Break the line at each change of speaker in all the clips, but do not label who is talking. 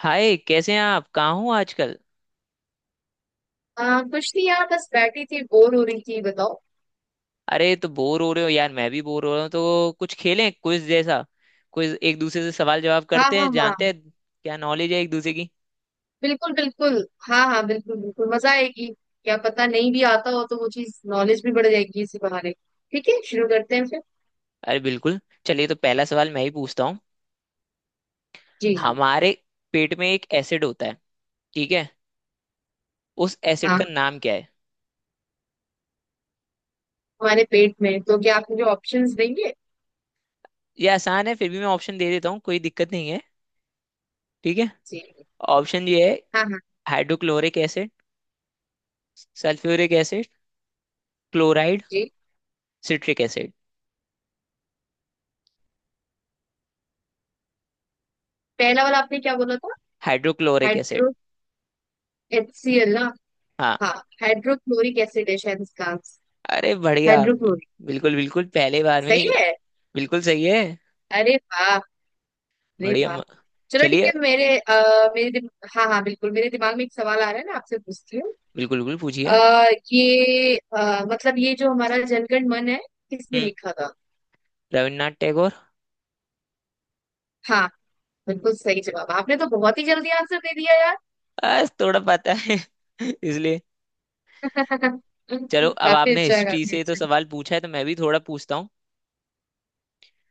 हाय, कैसे हैं आप? कहाँ हो आजकल?
कुछ नहीं यार, बस बैठी थी, बोर हो रही थी, बताओ।
अरे, तो बोर हो रहे हो यार? मैं भी बोर हो रहा हूँ। तो कुछ खेलें, क्विज जैसा। क्विज एक दूसरे से सवाल जवाब
हाँ,
करते हैं,
हाँ,
जानते
हाँ।
हैं क्या नॉलेज है एक दूसरे की।
बिल्कुल, बिल्कुल। हाँ, हाँ, बिल्कुल, बिल्कुल, मजा आएगी। क्या पता, नहीं भी आता हो तो वो चीज, नॉलेज भी बढ़ जाएगी इसी बहाने। ठीक है, शुरू करते हैं फिर।
अरे बिल्कुल। चलिए, तो पहला सवाल मैं ही पूछता हूँ।
जी, जी।
हमारे पेट में एक एसिड होता है, ठीक है। उस एसिड का
हाँ,
नाम क्या है?
हमारे पेट में? तो क्या आप मुझे ऑप्शंस देंगे?
ये आसान है, फिर भी मैं ऑप्शन दे देता हूँ, कोई दिक्कत नहीं है। ठीक है,
जी।
ऑप्शन ये है।
हाँ, हाँ।
Hydrochloric acid, sulphuric acid, chloride,
जी।
Citric acid.
पहला वाला आपने क्या बोला था?
Hydrochloric acid.
हाइड्रो HCL ना?
हाँ।
हाँ। हाइड्रोक्लोरिक एसिड है शायद इसका आंसर।
अरे बढ़िया,
हाइड्रोक्लोरिक।
बिल्कुल बिल्कुल पहले बार में
सही
ही-।
है।
बिल्कुल सही है।
अरे वाह। अरे
बढ़िया
वाह।
म-।
चलो, ठीक
चलिए।
है। मेरे आ, मेरे दिम... हाँ, हाँ, बिल्कुल, मेरे दिमाग में एक सवाल आ रहा है ना, आपसे पूछती हूँ।
बिल्कुल बिल्कुल पूछिए।
अ, ये मतलब ये जो हमारा जनगण मन है, किसने
हम्म।
लिखा था?
रविन्द्रनाथ टैगोर।
हाँ। बिल्कुल सही जवाब। आपने तो बहुत ही जल्दी आंसर दे दिया यार।
बस थोड़ा पता है इसलिए। चलो, अब
काफी
आपने
अच्छा है,
हिस्ट्री
काफी
से तो
अच्छा है।
सवाल पूछा है, तो मैं भी थोड़ा पूछता हूँ।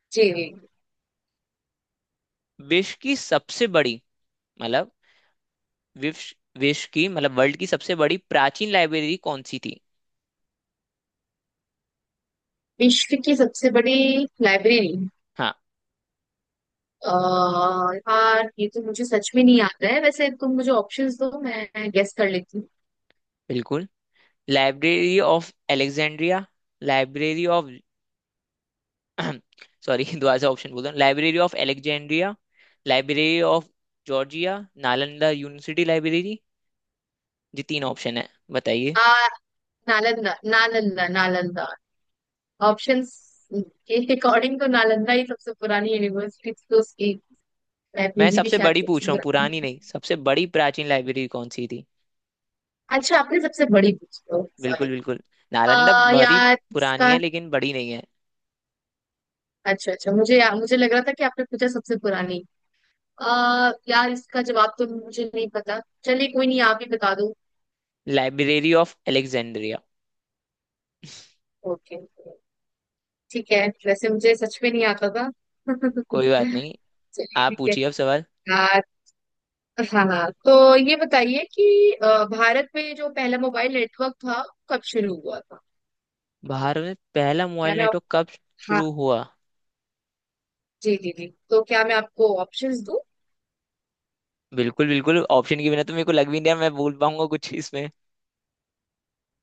जी।
विश्व की सबसे बड़ी, मतलब विश्व विश्व की, मतलब वर्ल्ड की सबसे बड़ी प्राचीन लाइब्रेरी कौन सी थी?
विश्व की सबसे बड़ी लाइब्रेरी।
हाँ
अ, यार, ये तो मुझे सच में नहीं आता है। वैसे तुम मुझे ऑप्शंस दो, मैं गेस कर लेती हूँ।
बिल्कुल। Library of Alexandria, library of sorry दोबारा से ऑप्शन बोल रहा हूँ। Library of Alexandria, library of Georgia, Nalanda university library. ये तीन ऑप्शन है, बताइए।
आ, नालंदा, नालंदा, नालंदा। ऑप्शंस के अकॉर्डिंग तो नालंदा ही सबसे पुरानी यूनिवर्सिटी थी, तो उसकी
मैं
लाइब्रेरी भी
सबसे
शायद
बड़ी
सबसे
पूछ रहा हूँ,
पुरानी
पुरानी
है।
नहीं। सबसे बड़ी प्राचीन लाइब्रेरी कौन सी थी?
अच्छा, आपने सबसे बड़ी पूछी हो,
बिल्कुल
सॉरी।
बिल्कुल नालंदा
आ
भरी
यार
पुरानी
इसका
है, लेकिन बड़ी नहीं है।
अच्छा, अच्छा, मुझे लग रहा था कि आपने पूछा सबसे पुरानी। आ यार, इसका जवाब तो मुझे नहीं पता, चलिए कोई नहीं, आप ही बता दो।
Library of Alexandria.
ओके। ठीक है, वैसे मुझे सच में नहीं आता था।
कोई बात नहीं,
चलिए,
आप
ठीक है।
पूछिए अब सवाल।
आ, हाँ, हाँ। तो ये बताइए कि भारत में जो पहला मोबाइल नेटवर्क था, कब शुरू हुआ था?
भारत में पहला
क्या
मोबाइल
मैं आप...
नेटवर्क कब
हाँ।
शुरू हुआ?
जी, जी, जी, तो क्या मैं आपको ऑप्शंस दूं?
बिल्कुल बिल्कुल, ऑप्शन के बिना तो मेरे को लग भी नहीं रहा मैं बोल पाऊंगा कुछ इसमें।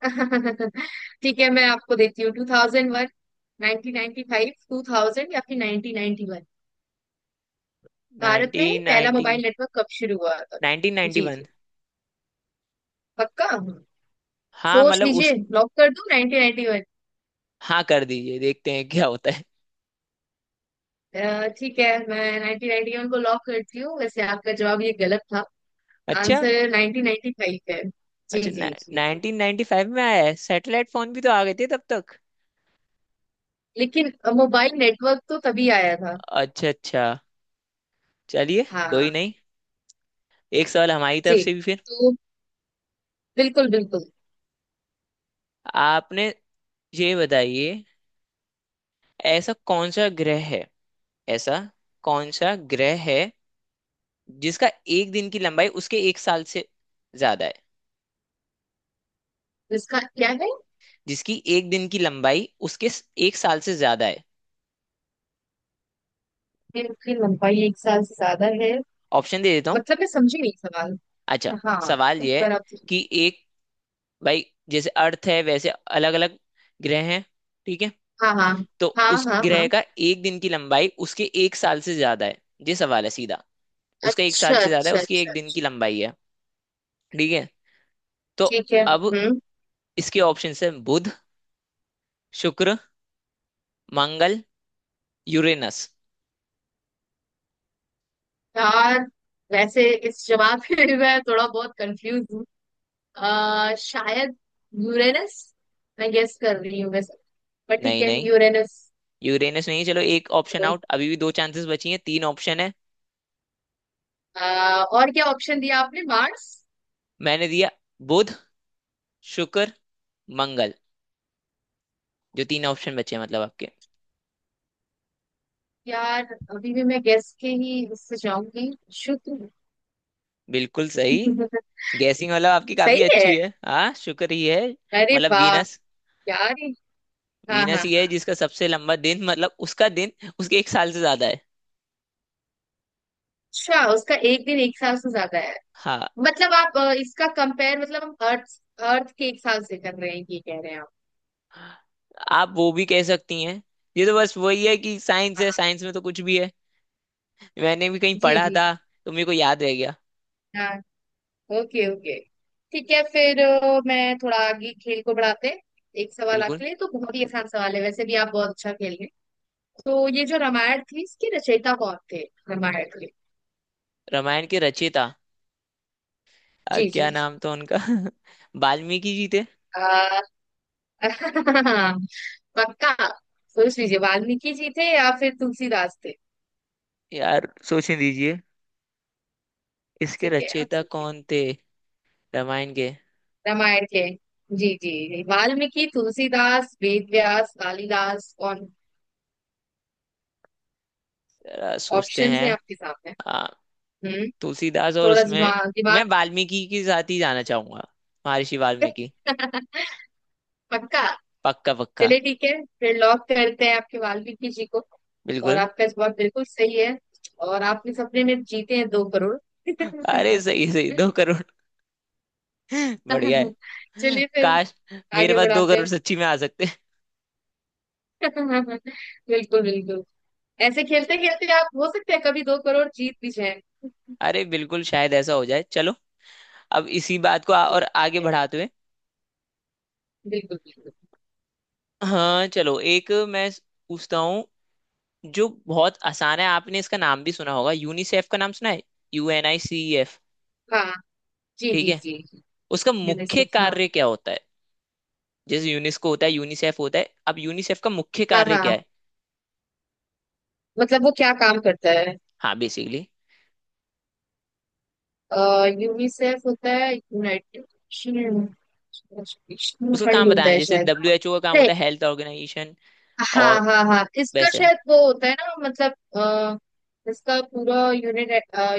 ठीक है, मैं आपको देती हूँ, 2001, 1995, 2000, या फिर 1991। भारत में पहला
1990,
मोबाइल नेटवर्क कब शुरू हुआ था? जी,
1991।
जी। पक्का?
हाँ,
सोच
मतलब उस।
लीजिए, लॉक कर दूं 1991।
हाँ कर दीजिए, देखते हैं क्या होता है।
ठीक है, मैं 1991 को लॉक करती हूँ। वैसे आपका जवाब ये गलत था।
अच्छा।
आंसर 1995 है। जी,
अच्छा,
जी, जी।
नाइनटीन नाइनटी फाइव में आया है। सैटेलाइट फोन भी तो आ गए थे तब तक।
लेकिन मोबाइल नेटवर्क तो तभी आया था।
अच्छा अच्छा। चलिए, कोई
हाँ।
नहीं। एक सवाल हमारी तरफ
जी।
से भी फिर।
तो बिल्कुल, बिल्कुल।
आपने, ये बताइए, ऐसा कौन सा ग्रह है, ऐसा कौन सा ग्रह है जिसका एक दिन की लंबाई उसके एक साल से ज्यादा है?
इसका क्या है?
जिसकी एक दिन की लंबाई उसके एक साल से ज्यादा है।
पेड़ की लंबाई एक साल से ज्यादा है?
ऑप्शन दे देता हूँ।
मतलब मैं समझी नहीं सवाल।
अच्छा,
हाँ।
सवाल
एक
यह है
बार आप।
कि एक, भाई, जैसे अर्थ है, वैसे अलग अलग ग्रह हैं, ठीक है?
हाँ, हाँ,
तो
हाँ,
उस
हाँ,
ग्रह
हाँ।
का एक दिन की लंबाई उसके एक साल से ज्यादा है। ये सवाल है सीधा। उसका एक
अच्छा,
साल से ज्यादा है
अच्छा,
उसकी
अच्छा,
एक दिन
अच्छा।
की लंबाई है। ठीक है। तो
ठीक है।
अब
हम्म।
इसके ऑप्शन है: बुध, शुक्र, मंगल, यूरेनस।
यार वैसे इस जवाब में मैं थोड़ा बहुत कंफ्यूज। शायद यूरेनस। मैं गेस कर रही हूँ वैसे। पर ठीक
नहीं
है,
नहीं
यूरेनस।
यूरेनस नहीं। चलो, एक ऑप्शन
तो,
आउट। अभी भी दो चांसेस बची हैं, तीन ऑप्शन है।
और क्या ऑप्शन दिया आपने, मार्स?
मैंने दिया बुध, शुक्र, मंगल। जो तीन ऑप्शन बचे हैं, मतलब आपके।
यार, अभी भी मैं गेस के ही इससे जाऊंगी, शुक्र।
बिल्कुल सही। गैसिंग मतलब आपकी काफी
सही है।
अच्छी है। हाँ, शुक्र ही है,
अरे
मतलब
वाह।
वीनस।
यार। हाँ,
वीनस
हाँ,
ही है
हाँ।
जिसका सबसे लंबा दिन, मतलब उसका दिन उसके एक साल से ज्यादा है।
अच्छा, उसका एक दिन एक साल से ज्यादा है।
हाँ,
मतलब आप इसका कंपेयर, मतलब हम अर्थ, के एक साल से कर रहे हैं, ये कह रहे हैं आप?
आप वो भी कह सकती हैं। ये तो बस वही है कि साइंस है,
हाँ,
साइंस में तो कुछ भी है। मैंने भी कहीं
जी,
पढ़ा
जी,
था,
जी।
तो मेरे को याद रह गया।
हाँ। Okay, okay. ठीक है फिर, मैं थोड़ा आगे खेल को बढ़ाते हैं। एक सवाल
बिल्कुल।
आपके लिए, तो बहुत ही आसान सवाल है, वैसे भी आप बहुत अच्छा खेल रहे हैं। तो ये जो रामायण थी, इसके रचयिता कौन थे? रामायण के।
रामायण के रचयिता,
जी, जी।
क्या नाम था उनका? वाल्मीकि जी थे।
आ, पक्का? सोच लीजिए, वाल्मीकि जी थे या फिर तुलसीदास थे।
यार सोचने दीजिए, इसके
ठीक है, आप
रचयिता
सोचिए।
कौन थे, रामायण के?
रामायण के। जी, जी, जी, वाल्मीकि, तुलसीदास, वेद व्यास, कालिदास, कौन?
जरा सोचते
ऑप्शंस
हैं।
हैं आपके सामने। हम्म।
तुलसीदास और
थोड़ा
उसमें,
दिमाग, दिमाग।
मैं वाल्मीकि के साथ ही जाना चाहूंगा। महर्षि वाल्मीकि।
पक्का?
पक्का पक्का।
चलिए ठीक है, फिर लॉक करते हैं आपके वाल्मीकि जी को। और
बिल्कुल।
आपका जवाब बिल्कुल सही है। और आप इस सपने में जीते हैं 2 करोड़।
अरे सही है, सही, दो करोड़। बढ़िया है,
चलिए फिर
काश मेरे
आगे
पास दो
बढ़ाते
करोड़
हैं।
सच्ची में आ सकते हैं।
बिल्कुल, बिल्कुल। ऐसे खेलते खेलते आप हो सकते हैं कभी 2 करोड़ जीत भी जाए
अरे बिल्कुल, शायद ऐसा हो जाए। चलो, अब इसी बात को और
ठीक
आगे
है।
बढ़ाते हुए।
बिल्कुल, बिल्कुल।
हाँ चलो, एक मैं पूछता हूँ जो बहुत आसान है। आपने इसका नाम भी सुना होगा, यूनिसेफ का नाम सुना है, U N I C F?
हाँ। जी,
ठीक
जी,
है।
जी।
उसका मुख्य
यूनिसेफ। हाँ।
कार्य क्या होता है? जैसे यूनेस्को होता है, यूनिसेफ होता है। अब यूनिसेफ का मुख्य
हाँ,
कार्य क्या
हाँ,
है?
मतलब वो क्या काम करता है?
हाँ, बेसिकली
यूनिसेफ होता है यूनाइटेड नेशन
उसका काम
फंड,
बताना
होता
है।
है
जैसे
शायद।
डब्ल्यू एच ओ का काम
नहीं।
होता है हेल्थ ऑर्गेनाइजेशन,
हाँ,
और
हाँ, हाँ, इसका
वैसे।
शायद वो होता है ना, मतलब इसका पूरा unit,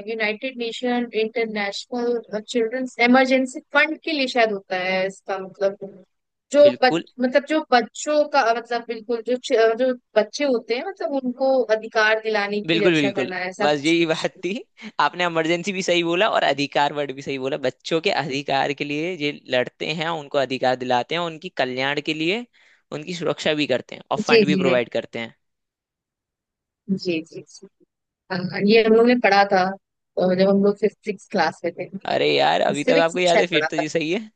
united nation international children's emergency fund के लिए शायद होता है इसका मतलब। जो
बिल्कुल
बच मतलब जो बच्चों का, मतलब बिल्कुल, जो बच्चे होते हैं, मतलब उनको अधिकार दिलाने की,
बिल्कुल
रक्षा
बिल्कुल
करना है, ऐसा
बस
कुछ
यही बात
नहीं?
थी। आपने इमरजेंसी भी सही बोला और अधिकार वर्ड भी सही बोला। बच्चों के अधिकार के लिए ये लड़ते हैं, उनको अधिकार दिलाते हैं, उनकी कल्याण के लिए। उनकी सुरक्षा भी करते हैं और
जी,
फंड भी
जी,
प्रोवाइड करते हैं।
जी, जी, जी। हाँ, ये हम लोग ने पढ़ा था। जब हम लोग फिफ्थ सिक्स क्लास में थे।
अरे यार, अभी तक
सिविक्स
आपको
में
याद
शायद
है, फिर
पढ़ा
तो
था।
ये सही है।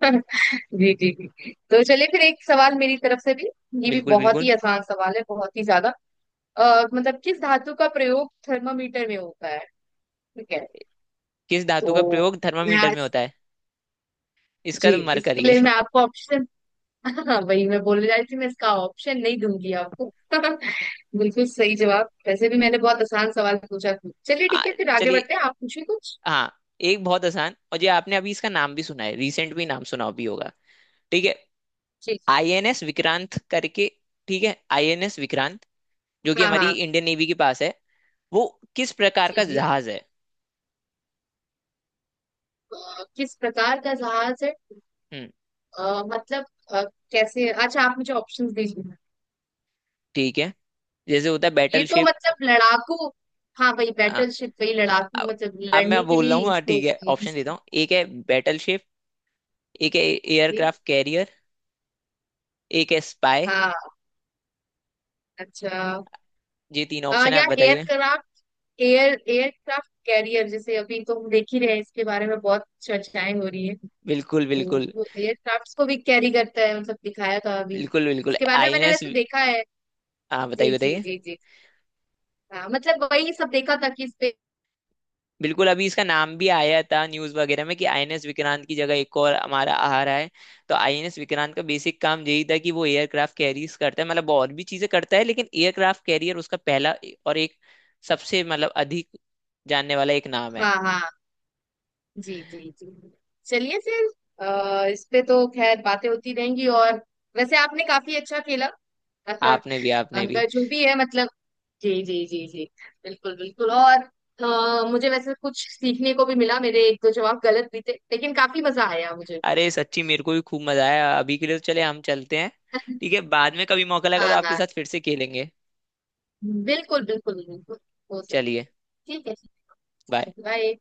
जी, जी, जी। तो चलिए फिर एक सवाल मेरी तरफ से भी। ये भी
बिल्कुल
बहुत
बिल्कुल
ही आसान सवाल है, बहुत ही ज्यादा। मतलब किस धातु का प्रयोग थर्मामीटर में होता है? ठीक है।
किस धातु
तो
का प्रयोग
मैं
थर्मामीटर में
आज।
होता है? इसका
जी।
तो
इसके
मरकरी है।
लिए मैं आपको ऑप्शन। हाँ, वही मैं बोलने जा रही थी, मैं इसका ऑप्शन नहीं दूंगी आपको। बिल्कुल सही जवाब, वैसे भी मैंने बहुत आसान सवाल पूछा। चलिए
आ,
ठीक है, फिर आगे
चलिए।
बढ़ते हैं, आप पूछिए कुछ।
हाँ, एक बहुत आसान, और ये आपने अभी इसका नाम भी सुना है, रिसेंट भी नाम सुना भी होगा, ठीक है?
जी।
आईएनएस विक्रांत करके। ठीक है, आईएनएस विक्रांत जो कि
हाँ,
हमारी
हाँ।
इंडियन नेवी के पास है, वो किस प्रकार
जी,
का
जी।
जहाज है?
किस प्रकार का जहाज है?
हम्म,
मतलब अ, कैसे, अच्छा आप मुझे ऑप्शंस दीजिए।
ठीक है। जैसे होता है
ये
बैटल
तो
शिप।
मतलब लड़ाकू? हाँ, वही
आ,
बैटल शिप, वही
आ,
लड़ाकू, मतलब
अब मैं
लड़ने के
बोल रहा हूँ।
लिए
हाँ
इसको
ठीक है, ऑप्शन
यूज
देता हूँ। एक है बैटल शिप, एक है
की।
एयरक्राफ्ट कैरियर, एक है स्पाई।
हाँ। अच्छा।
ये तीन ऑप्शन है, आप
यार
बताइए।
एयरक्राफ्ट। एयरक्राफ्ट कैरियर, जैसे अभी तो हम देख ही रहे हैं, इसके बारे में बहुत चर्चाएं हो रही है।
बिल्कुल
तो
बिल्कुल
वो एयरक्राफ्ट को भी कैरी करता है, मतलब दिखाया था अभी
बिल्कुल बिल्कुल
इसके बारे में, मैंने
आईएनएस।
वैसे देखा है।
हाँ, बताइए
जी, जी,
बताइए।
जी, जी। हाँ, मतलब वही सब देखा था कि इस पे।
बिल्कुल, अभी इसका नाम भी आया था न्यूज वगैरह में कि आईएनएस विक्रांत की जगह एक और हमारा आ रहा है। तो आईएनएस विक्रांत का बेसिक काम यही था कि वो एयरक्राफ्ट कैरियर करता है, मतलब और भी चीजें करता है लेकिन एयरक्राफ्ट कैरियर उसका पहला, और एक सबसे, मतलब अधिक जानने वाला एक नाम है।
हाँ, हाँ। जी, जी, जी। चलिए फिर। इस पे तो खैर बातें होती रहेंगी। और वैसे आपने काफी अच्छा खेला।
आपने भी, आपने भी।
अगर जो भी है, मतलब। जी, जी, जी, जी। बिल्कुल, बिल्कुल। और मुझे वैसे कुछ सीखने को भी मिला, मेरे एक दो जवाब गलत भी थे, लेकिन काफी मजा आया मुझे।
अरे सच्ची, मेरे को भी खूब मजा आया। अभी के लिए तो चले, हम चलते हैं। ठीक है, बाद में कभी मौका लगा
हाँ,
तो आपके
हाँ।
साथ फिर से खेलेंगे।
बिल्कुल, बिल्कुल, बिल्कुल। हो सकता।
चलिए,
ठीक है,
बाय।
बाय।